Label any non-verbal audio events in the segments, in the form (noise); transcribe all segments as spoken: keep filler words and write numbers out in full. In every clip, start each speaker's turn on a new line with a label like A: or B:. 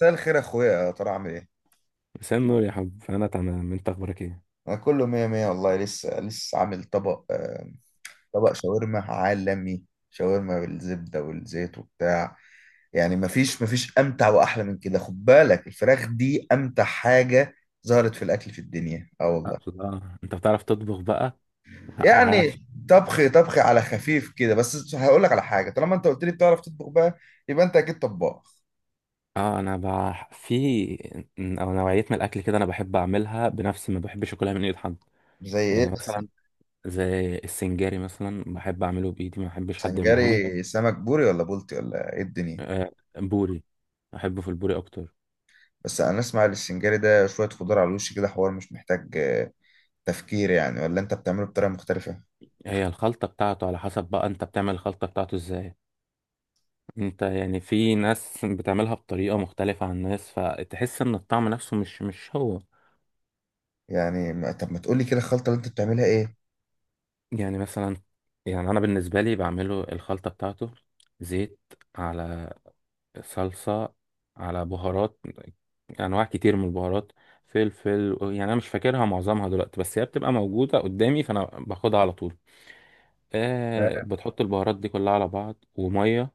A: مساء الخير يا اخويا، يا ترى عامل ايه؟
B: مساء النور يا حب. انا تمام، انت اخبارك ايه؟
A: انا كله مية مية والله، لسه لسه عامل طبق، آه، طبق شاورما عالمي. شاورما بالزبدة والزيت وبتاع. يعني مفيش مفيش امتع واحلى من كده، خد بالك الفراخ دي امتع حاجة ظهرت في الاكل في الدنيا، اه والله.
B: اقصد اه انت بتعرف تطبخ بقى؟ لا
A: يعني
B: عاش.
A: طبخ طبخ على خفيف كده، بس هقول لك على حاجة. طالما انت قلت لي بتعرف تطبخ بقى، يبقى انت اكيد طباخ.
B: اه انا بح... في او نوعيه من الاكل كده انا بحب اعملها بنفسي، ما بحبش اكلها من ايد حد.
A: زي ايه
B: يعني
A: بس؟
B: مثلا زي السنجاري مثلا بحب اعمله بايدي، ما بحبش حد يعمله لي.
A: سنجاري سمك بوري ولا بولتي ولا ايه الدنيا؟
B: آه، بوري. بحبه في البوري اكتر.
A: بس انا اسمع السنجاري ده شويه خضار على الوش كده، حوار مش محتاج آه، تفكير يعني، ولا انت بتعمله بطريقه مختلفه؟
B: هي الخلطه بتاعته على حسب بقى، انت بتعمل الخلطه بتاعته ازاي؟ انت يعني في ناس بتعملها بطريقه مختلفه عن ناس، فتحس ان الطعم نفسه مش مش هو.
A: يعني ما- طب ما تقولي كده الخلطه اللي انت بتعملها ايه؟
B: يعني مثلا، يعني انا بالنسبه لي بعمله الخلطه بتاعته: زيت، على صلصه، على بهارات، انواع كتير من البهارات، فلفل. يعني انا مش فاكرها معظمها دلوقتي، بس هي بتبقى موجوده قدامي فانا باخدها على طول. آه،
A: تمام.
B: بتحط البهارات دي كلها على بعض وميه.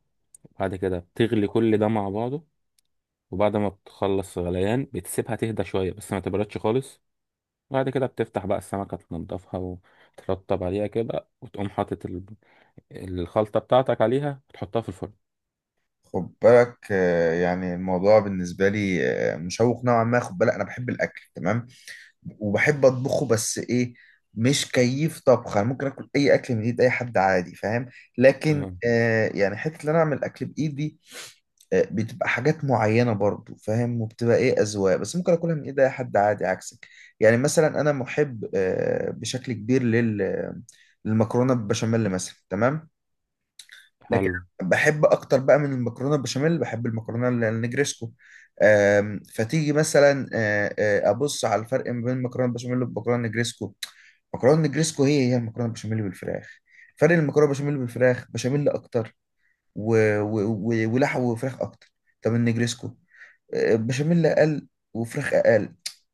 B: بعد كده بتغلي كل ده مع بعضه، وبعد ما بتخلص غليان بتسيبها تهدى شويه بس ما تبردش خالص. بعد كده بتفتح بقى السمكه، تنضفها وترطب عليها كده، وتقوم حاطط الخلطة بتاعتك عليها وتحطها في الفرن.
A: خد بالك آه، يعني الموضوع بالنسبه لي آه، مشوق نوعا ما. خد بالك انا بحب الاكل تمام وبحب اطبخه، بس ايه؟ مش كيف طبخ. انا ممكن اكل اي اكل من ايد اي حد عادي، فاهم؟ لكن
B: اه.
A: آه، يعني حته ان انا اعمل اكل بايدي، آه، بتبقى حاجات معينة برضو فاهم، وبتبقى ايه، أذواق. بس ممكن أكلها من ايد أي حد عادي عكسك. يعني مثلا أنا محب آه، بشكل كبير لل للمكرونة بالبشاميل مثلا تمام. لكن
B: حلو.
A: بحب أكتر بقى من المكرونة بالبشاميل، بحب المكرونة ال- النجريسكو. آم، فتيجي مثلا آه، آه، أبص على الفرق ما بين المكرونة بالبشاميل والمكرونة النجريسكو. مكرونه نجريسكو هي هي المكرونه بالبشاميل بالفراخ. فرق المكرونه بالبشاميل بالفراخ، بشاميل اكتر و... و... و... ولحم وفراخ اكتر. طب النجريسكو آه، بشاميل اقل وفراخ اقل.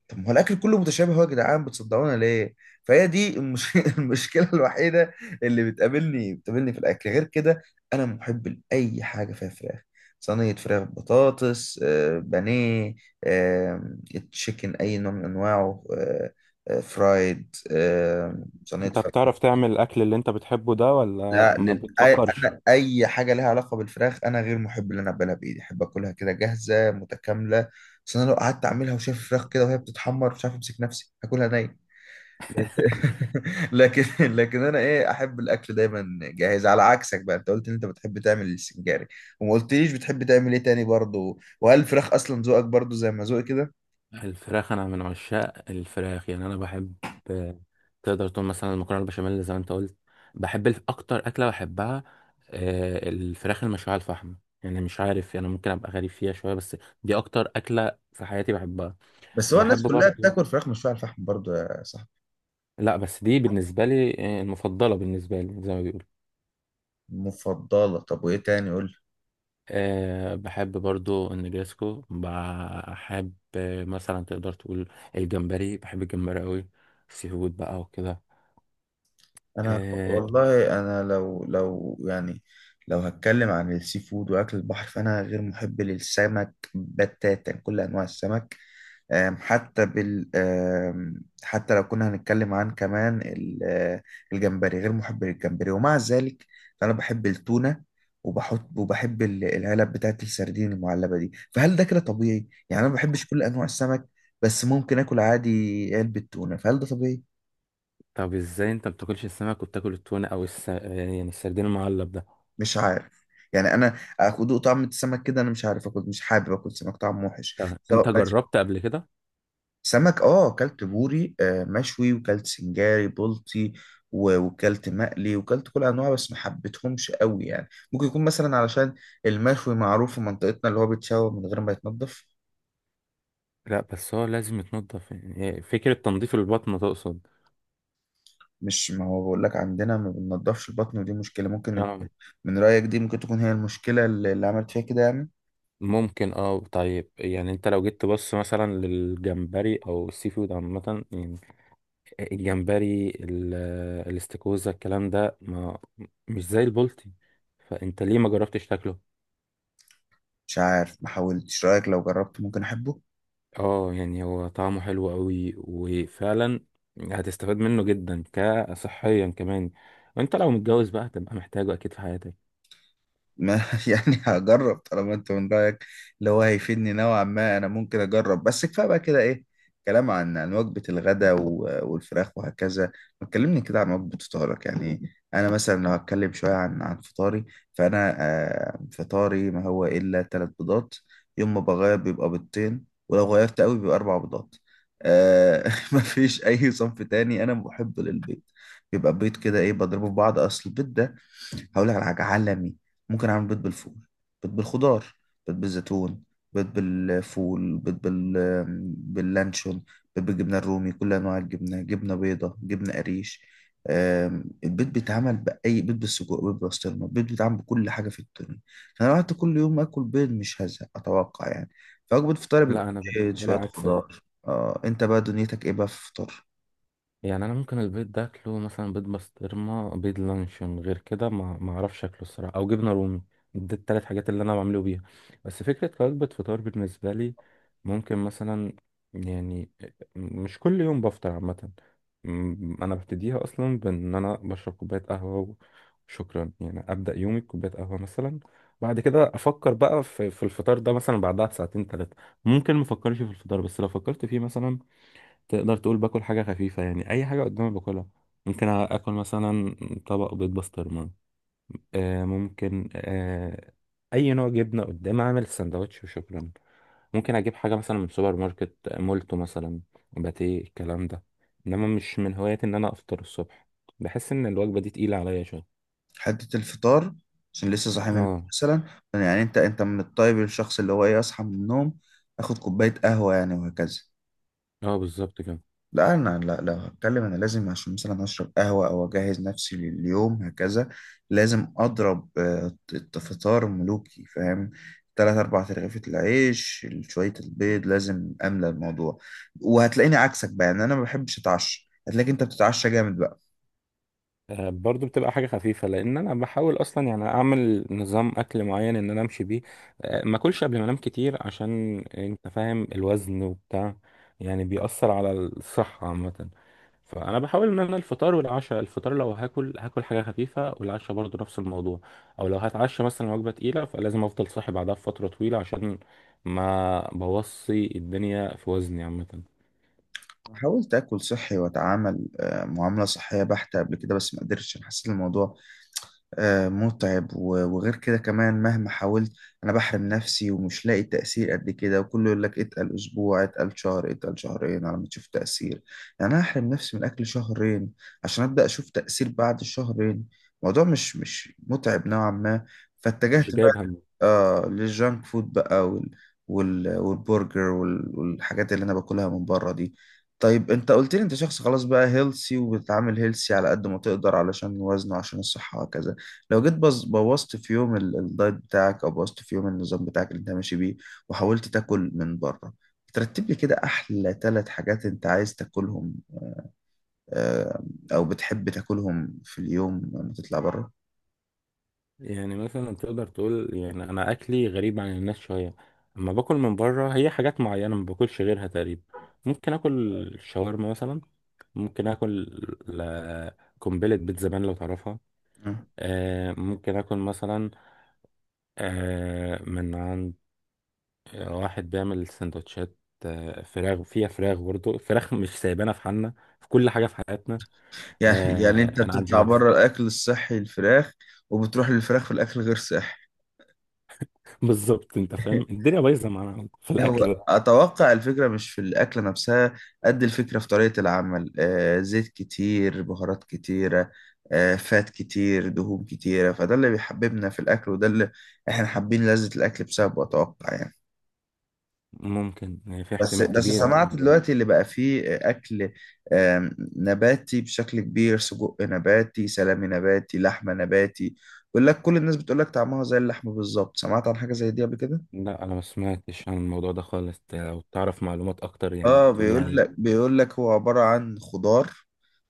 A: طب ما هو الاكل كله متشابه اهو يا جدعان، بتصدقونا ليه؟ فهي دي المش... (laughs) المشكله الوحيده اللي بتقابلني بتقابلني في الاكل غير كده. انا محب لاي حاجه فيها فراخ. صينيه فراخ، بطاطس آه، بانيه، آه، تشيكن اي نوع من انواعه، آه، آه، فرايد، آه، صينيه
B: انت
A: فراخ.
B: بتعرف تعمل الاكل اللي انت بتحبه ده ولا
A: لا،
B: ما
A: لل... أي...
B: بتفكرش؟
A: انا اي حاجه ليها علاقه بالفراخ انا غير محب ان انا اقبلها بايدي، احب اكلها كده جاهزه متكامله. بس انا لو قعدت اعملها وشايف الفراخ كده وهي بتتحمر مش عارف امسك نفسي، هاكلها ني. (laughs) لكن لكن انا ايه، احب الاكل دايما جاهز. على عكسك بقى، انت قلت ان انت بتحب تعمل السنجاري وما قلتليش بتحب تعمل ايه تاني برضه، وهل الفراخ اصلا ذوقك برضه زي ما ذوقي كده؟
B: الفراخ أنا من عشاق الفراخ، يعني أنا بحب. تقدر تقول مثلا المكرونة البشاميل زي ما أنت قلت. بحب الف- أكتر أكلة بحبها، آه، الفراخ المشوية على الفحم. يعني مش عارف، يعني ممكن أبقى غريب فيها شوية، بس دي أكتر أكلة في حياتي بحبها.
A: بس هو
B: بحب
A: الناس كلها
B: برضو.
A: بتاكل فراخ مشويه على الفحم برضه يا صاحبي.
B: لا بس دي بالنسبة لي، آه، المفضلة بالنسبة لي زي ما بيقولوا.
A: مفضله؟ طب وايه تاني قول لي؟
B: أه بحب برضو النجريسكو، بحب آه، مثلا تقدر تقول الجمبري، بحب الجمبري قوي. سي فود بقى وكده.
A: انا
B: أه.
A: والله، انا لو لو يعني، لو هتكلم عن السي فود واكل البحر، فانا غير محب للسمك بتاتا، كل انواع السمك. أم، حتى بال أم، حتى لو كنا هنتكلم عن كمان ال- آه، الجمبري، غير محب للجمبري. ومع ذلك فانا بحب التونة، وبحط وبحب ال- العلب بتاعت السردين المعلبة دي. فهل ده كده طبيعي؟ يعني انا ما بحبش كل انواع السمك بس ممكن اكل عادي علبة تونة، فهل ده طبيعي؟
B: طب ازاي انت بتاكلش السمك وبتاكل التونة او الس... آه، يعني السردين المعلب ده؟
A: مش عارف. يعني انا اكل طعم السمك كده، انا مش عارف اكل، مش حابب اكل سمك، طعم وحش
B: طب انت
A: سواء مشوي.
B: جربت قبل كده؟
A: سمك، اه اكلت بوري آه، مشوي، وكلت سنجاري بلطي، و- وكلت مقلي وكلت كل انواع، بس ما حبيتهمش قوي. يعني ممكن يكون مثلا علشان المشوي معروف في منطقتنا، اللي هو بيتشوى من غير ما يتنضف.
B: لا بس هو لازم يتنضف، يعني فكرة تنظيف البطن تقصد؟
A: مش ما هو بقول لك عندنا ما بننضفش البطن، ودي مشكلة. ممكن انت-
B: اه.
A: من رأيك دي ممكن تكون هي المشكلة اللي اللي عملت فيها كده يعني.
B: ممكن اه. طيب يعني انت لو جيت تبص مثلا للجمبري او السي فود عامة، يعني الجمبري ال- الاستاكوزا الكلام ده، ما مش زي البلطي، فانت ليه ما جربتش تاكله؟
A: مش عارف ما حاولتش، رأيك لو جربت ممكن احبه.
B: اه يعني هو طعمه حلو قوي وفعلا هتستفاد منه جدا كصحيا كمان. وانت لو متجوز بقى هتبقى محتاجه اكيد في حياتك.
A: ما (laughs) يعني هجرب طالما انت من رايك اللي هو هيفيدني نوعا ما، انا ممكن اجرب. بس كفايه بقى كده ايه، كلام عن عن وجبه الغداء و- والفراخ وهكذا. ما تكلمني كده عن وجبه فطارك. يعني انا مثلا لو هتكلم شويه عن عن فطاري، فانا آه، فطاري ما هو الا ثلاث بيضات. يوم ما بغير بيبقى بيضتين، ولو غيرت قوي بيبقى اربع بيضات. آه (laughs) ما فيش اي صنف تاني انا محب للبيض. بيبقى بيض كده ايه، بضربه في بعض. اصل البيض ده هقول لك على حاجه عالمي. ممكن اعمل بيض بالفول، بيض بالخضار، بيض بالزيتون، بيض بالفول، بيض بال... باللانشون، بيض بالجبنه الرومي، كل انواع الجبنه، جبنه بيضه، جبنه قريش. آم، البيض بيتعمل بأي، بيض بالسجق، بيض بالبسطرمة، البيض بيتعمل بكل حاجة في الدنيا. فأنا لو قعدت كل يوم آكل بيض مش هزهق أتوقع يعني. فوجبة فطار بيبقى
B: لا انا
A: بيض
B: بالنسبه لي
A: شوية
B: عكسك.
A: خضار. آه أنت بقى دنيتك إيه بقى في الفطار؟
B: يعني انا ممكن البيض ده اكله مثلا بيض بسطرمه، بيض لانشون، غير كده ما ما اعرفش اكله الصراحه، او جبنه رومي. دي التلات حاجات اللي انا بعمله بيها. بس فكره وجبه فطار بالنسبه لي ممكن مثلا، يعني مش كل يوم بفطر عامه. م- انا ببتديها اصلا بان انا بشرب كوبايه قهوه وشكرا، يعني ابدا يومي بكوبايه قهوه مثلا. بعد كده افكر بقى في في الفطار ده مثلا بعدها بساعتين ثلاثه. ممكن مفكرش في الفطار، بس لو فكرت فيه مثلا تقدر تقول باكل حاجة خفيفة، يعني أي حاجة قدامي باكلها. ممكن آكل مثلا طبق بيض بسطرمة، آه ممكن آه أي نوع جبنة قدامي أعمل سندوتش وشكرا. ممكن أجيب حاجة مثلا من سوبر ماركت مولتو مثلا، باتيه الكلام ده. إنما مش من هواياتي إن أنا أفطر الصبح، بحس إن الوجبة دي تقيلة عليا شوية.
A: حتة الفطار، عشان لسه صاحي من النوم
B: اه.
A: مثلا. يعني انت انت من الطيب، الشخص اللي هو ايه، اصحى من النوم اخد كوباية قهوة يعني وهكذا.
B: اه بالظبط كده.
A: لا، انا لا لو هتكلم، انا لازم عشان مثلا اشرب قهوة او اجهز نفسي لليوم هكذا، لازم اضرب آه، الت- فطار ملوكي فاهم. تلات أربع ترغيفة العيش، شوية البيض، لازم أملى الموضوع. وهتلاقيني عكسك بقى، يعني أنا ما بحبش أتعشى، هتلاقيك أنت بتتعشى جامد بقى.
B: آه، برضو بتبقى حاجة خفيفة، لأن أنا بحاول أصلا يعني أعمل نظام أكل معين إن أنا أمشي بيه. آه، ما أكلش قبل ما أنام كتير، عشان أنت فاهم الوزن وبتاع، يعني بيأثر على الصحة عامة. فأنا بحاول إن أنا الفطار والعشاء، الفطار لو هاكل هاكل حاجة خفيفة، والعشاء برضو نفس الموضوع. أو لو هتعشى مثلا وجبة تقيلة فلازم أفضل صاحي بعدها بفترة طويلة، عشان ما بوصي الدنيا في وزني عامة.
A: حاولت اكل صحي واتعامل آه، معامله صحيه بحته قبل كده بس ما قدرتش. أنا حسيت الموضوع آه، متعب، و- وغير كده كمان مهما حاولت انا بحرم نفسي ومش لاقي تأثير قد كده. وكله يقول لك اتقل اسبوع، اتقل شهر، اتقل شهرين على ما تشوف تأثير. يعني انا احرم نفسي من اكل شهرين عشان ابدأ اشوف تأثير بعد الشهرين. الموضوع مش مش متعب نوعا ما.
B: مش
A: فاتجهت بقى
B: جايب هم.
A: آه للجانك فود بقى، وال وال والبرجر وال والحاجات اللي انا باكلها من بره دي. طيب انت قلت لي انت شخص خلاص بقى هيلسي، وبتتعامل هيلسي على قد ما تقدر علشان وزنه، عشان الصحة وكذا. لو جيت بز- بوظت في يوم ال- الدايت بتاعك، او بوظت في يوم النظام بتاعك اللي انت ماشي بيه وحاولت تاكل من بره، ترتب لي كده احلى ثلاث حاجات انت عايز تاكلهم آه، او بتحب تاكلهم في اليوم لما تطلع بره.
B: يعني مثلا تقدر تقول يعني انا اكلي غريب عن الناس شويه. اما باكل من بره هي حاجات معينه ما باكلش غيرها تقريبا. ممكن اكل شاورما مثلا، ممكن اكل ل- قنبله بيت زبان لو تعرفها.
A: مم.
B: آه ممكن اكل مثلا آه من عند واحد بيعمل سندوتشات، آه فراخ، فيها فراخ برضه، فراخ مش سايبانا في حالنا في كل حاجه في حياتنا.
A: يعني (laughs) يعني انت
B: آه انا عندي
A: بتطلع
B: مكسب.
A: بره الاكل الصحي الفراخ، وبتروح للفراخ في الاكل غير صحي.
B: (laughs) بالظبط، انت فاهم
A: (laughs)
B: الدنيا بايظه معانا في
A: هو
B: الاكل ده.
A: أتوقع الفكرة مش في الأكلة نفسها، قد الفكرة في طريقة العمل. آه زيت كتير، بهارات كتيرة، آه فات كتير، دهون كتيرة. فده اللي بيحببنا في الأكل، وده اللي إحنا حابين لذة الأكل بسببه أتوقع يعني.
B: ممكن، يعني في
A: بس
B: احتمال
A: بس
B: كبير في
A: سمعت
B: الموضوع.
A: دلوقتي اللي بقى فيه أكل آم، نباتي بشكل كبير، سجق نباتي، سلامي نباتي، لحمة نباتي. بيقول لك كل الناس بتقول لك طعمها زي اللحمة بالظبط. سمعت عن حاجة زي دي قبل كده؟
B: لا انا ما سمعتش عن الموضوع ده خالص. ت- لو تعرف معلومات اكتر يعني
A: اه
B: تقول لي
A: بيقول
B: عليها.
A: لك بيقول لك هو عبارة عن خضار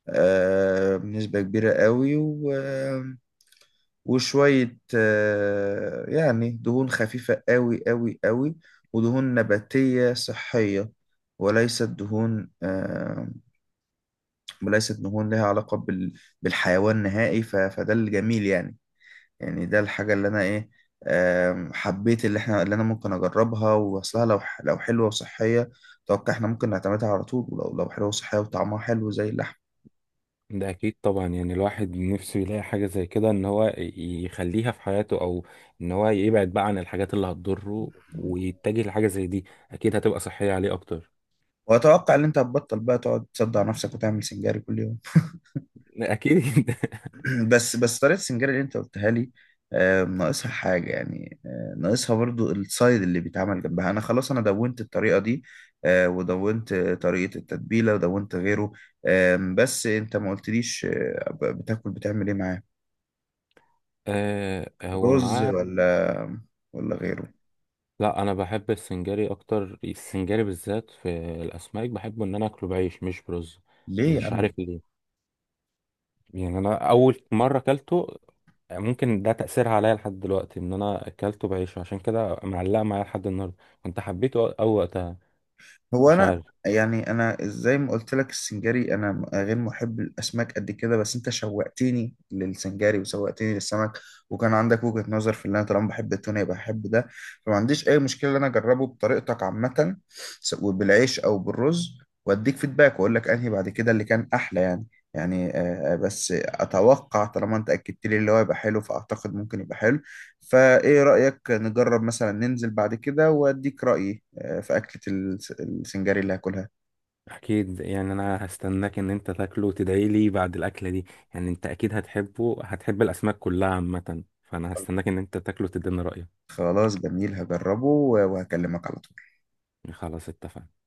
A: آه، بنسبة كبيرة قوي، و... آه، وشوية آه، يعني دهون خفيفة قوي قوي قوي. ودهون نباتية صحية، وليست دهون آه، وليست دهون لها علاقة بال... بالحيوان نهائي. ف... فده الجميل يعني. يعني ده الحاجة اللي أنا إيه، آم، حبيت، اللي احنا اللي انا ممكن اجربها واصلها، لو ح- لو حلوه وصحيه اتوقع احنا ممكن نعتمدها على طول، ولو لو حلوه وصحيه وطعمها حلو زي اللحم.
B: ده اكيد طبعا، يعني الواحد نفسه يلاقي حاجه زي كده ان هو ي- يخليها في حياته، او ان هو يبعد بقى عن الحاجات اللي هتضره ويتجه لحاجه زي دي، اكيد هتبقى صحيه عليه اكتر.
A: واتوقع ان انت هتبطل بقى تقعد تصدع نفسك وتعمل سنجاري كل يوم.
B: اكيد. (laughs)
A: (clears throat) بس بس طريقه السنجاري اللي انت قلتها لي آه، ناقصها حاجه يعني، آه، ناقصها برضو السايد اللي بيتعمل جنبها. انا خلاص، انا دونت الطريقه دي آه، ودونت طريقه التتبيله ودونت غيره. آم، بس انت ما قلتليش آه، بتاكل بتعمل ايه معاه؟
B: آه هو
A: رز
B: معاه.
A: ولا ولا غيره؟
B: لا انا بحب السنجاري اكتر، السنجاري بالذات في الاسماك بحبه ان انا اكله بعيش مش برز.
A: ليه يا
B: مش عارف
A: عم؟
B: ليه. يعني انا اول مره اكلته، ممكن ده تاثيرها عليا لحد دلوقتي ان انا اكلته بعيشه، عشان كده معلقه معايا لحد النهارده. كنت حبيته او أو وقتها،
A: هو
B: مش
A: انا،
B: عارف.
A: يعني انا زي ما قلت لك السنجاري انا م- غير محب الاسماك قد كده، بس انت شوقتني للسنجاري وشوقتني للسمك. وكان عندك وجهة نظر في اللي انا طالما بحب التونه يبقى بحب ده. فما عنديش اي مشكله ان انا اجربه بطريقتك عامه، سواء بالعيش او بالرز. واديك فيدباك واقول لك انهي بعد كده اللي كان احلى يعني. يعني آه، آه، بس اتوقع طالما انت اكدت لي اللي هو يبقى حلو، فاعتقد ممكن يبقى حلو. فايه رايك نجرب مثلا ننزل بعد كده واديك رايي آه، في اكله السنجاري اللي هاكلها.
B: اكيد، يعني انا هستناك ان انت تاكله وتدعي لي بعد الاكله دي. يعني انت اكيد هتحبه، هتحب الاسماك كلها عامه، فانا هستناك ان انت تاكله وتديني رايك.
A: خلاص جميل هجربه وهكلمك على طول.
B: يعني خلاص اتفقنا.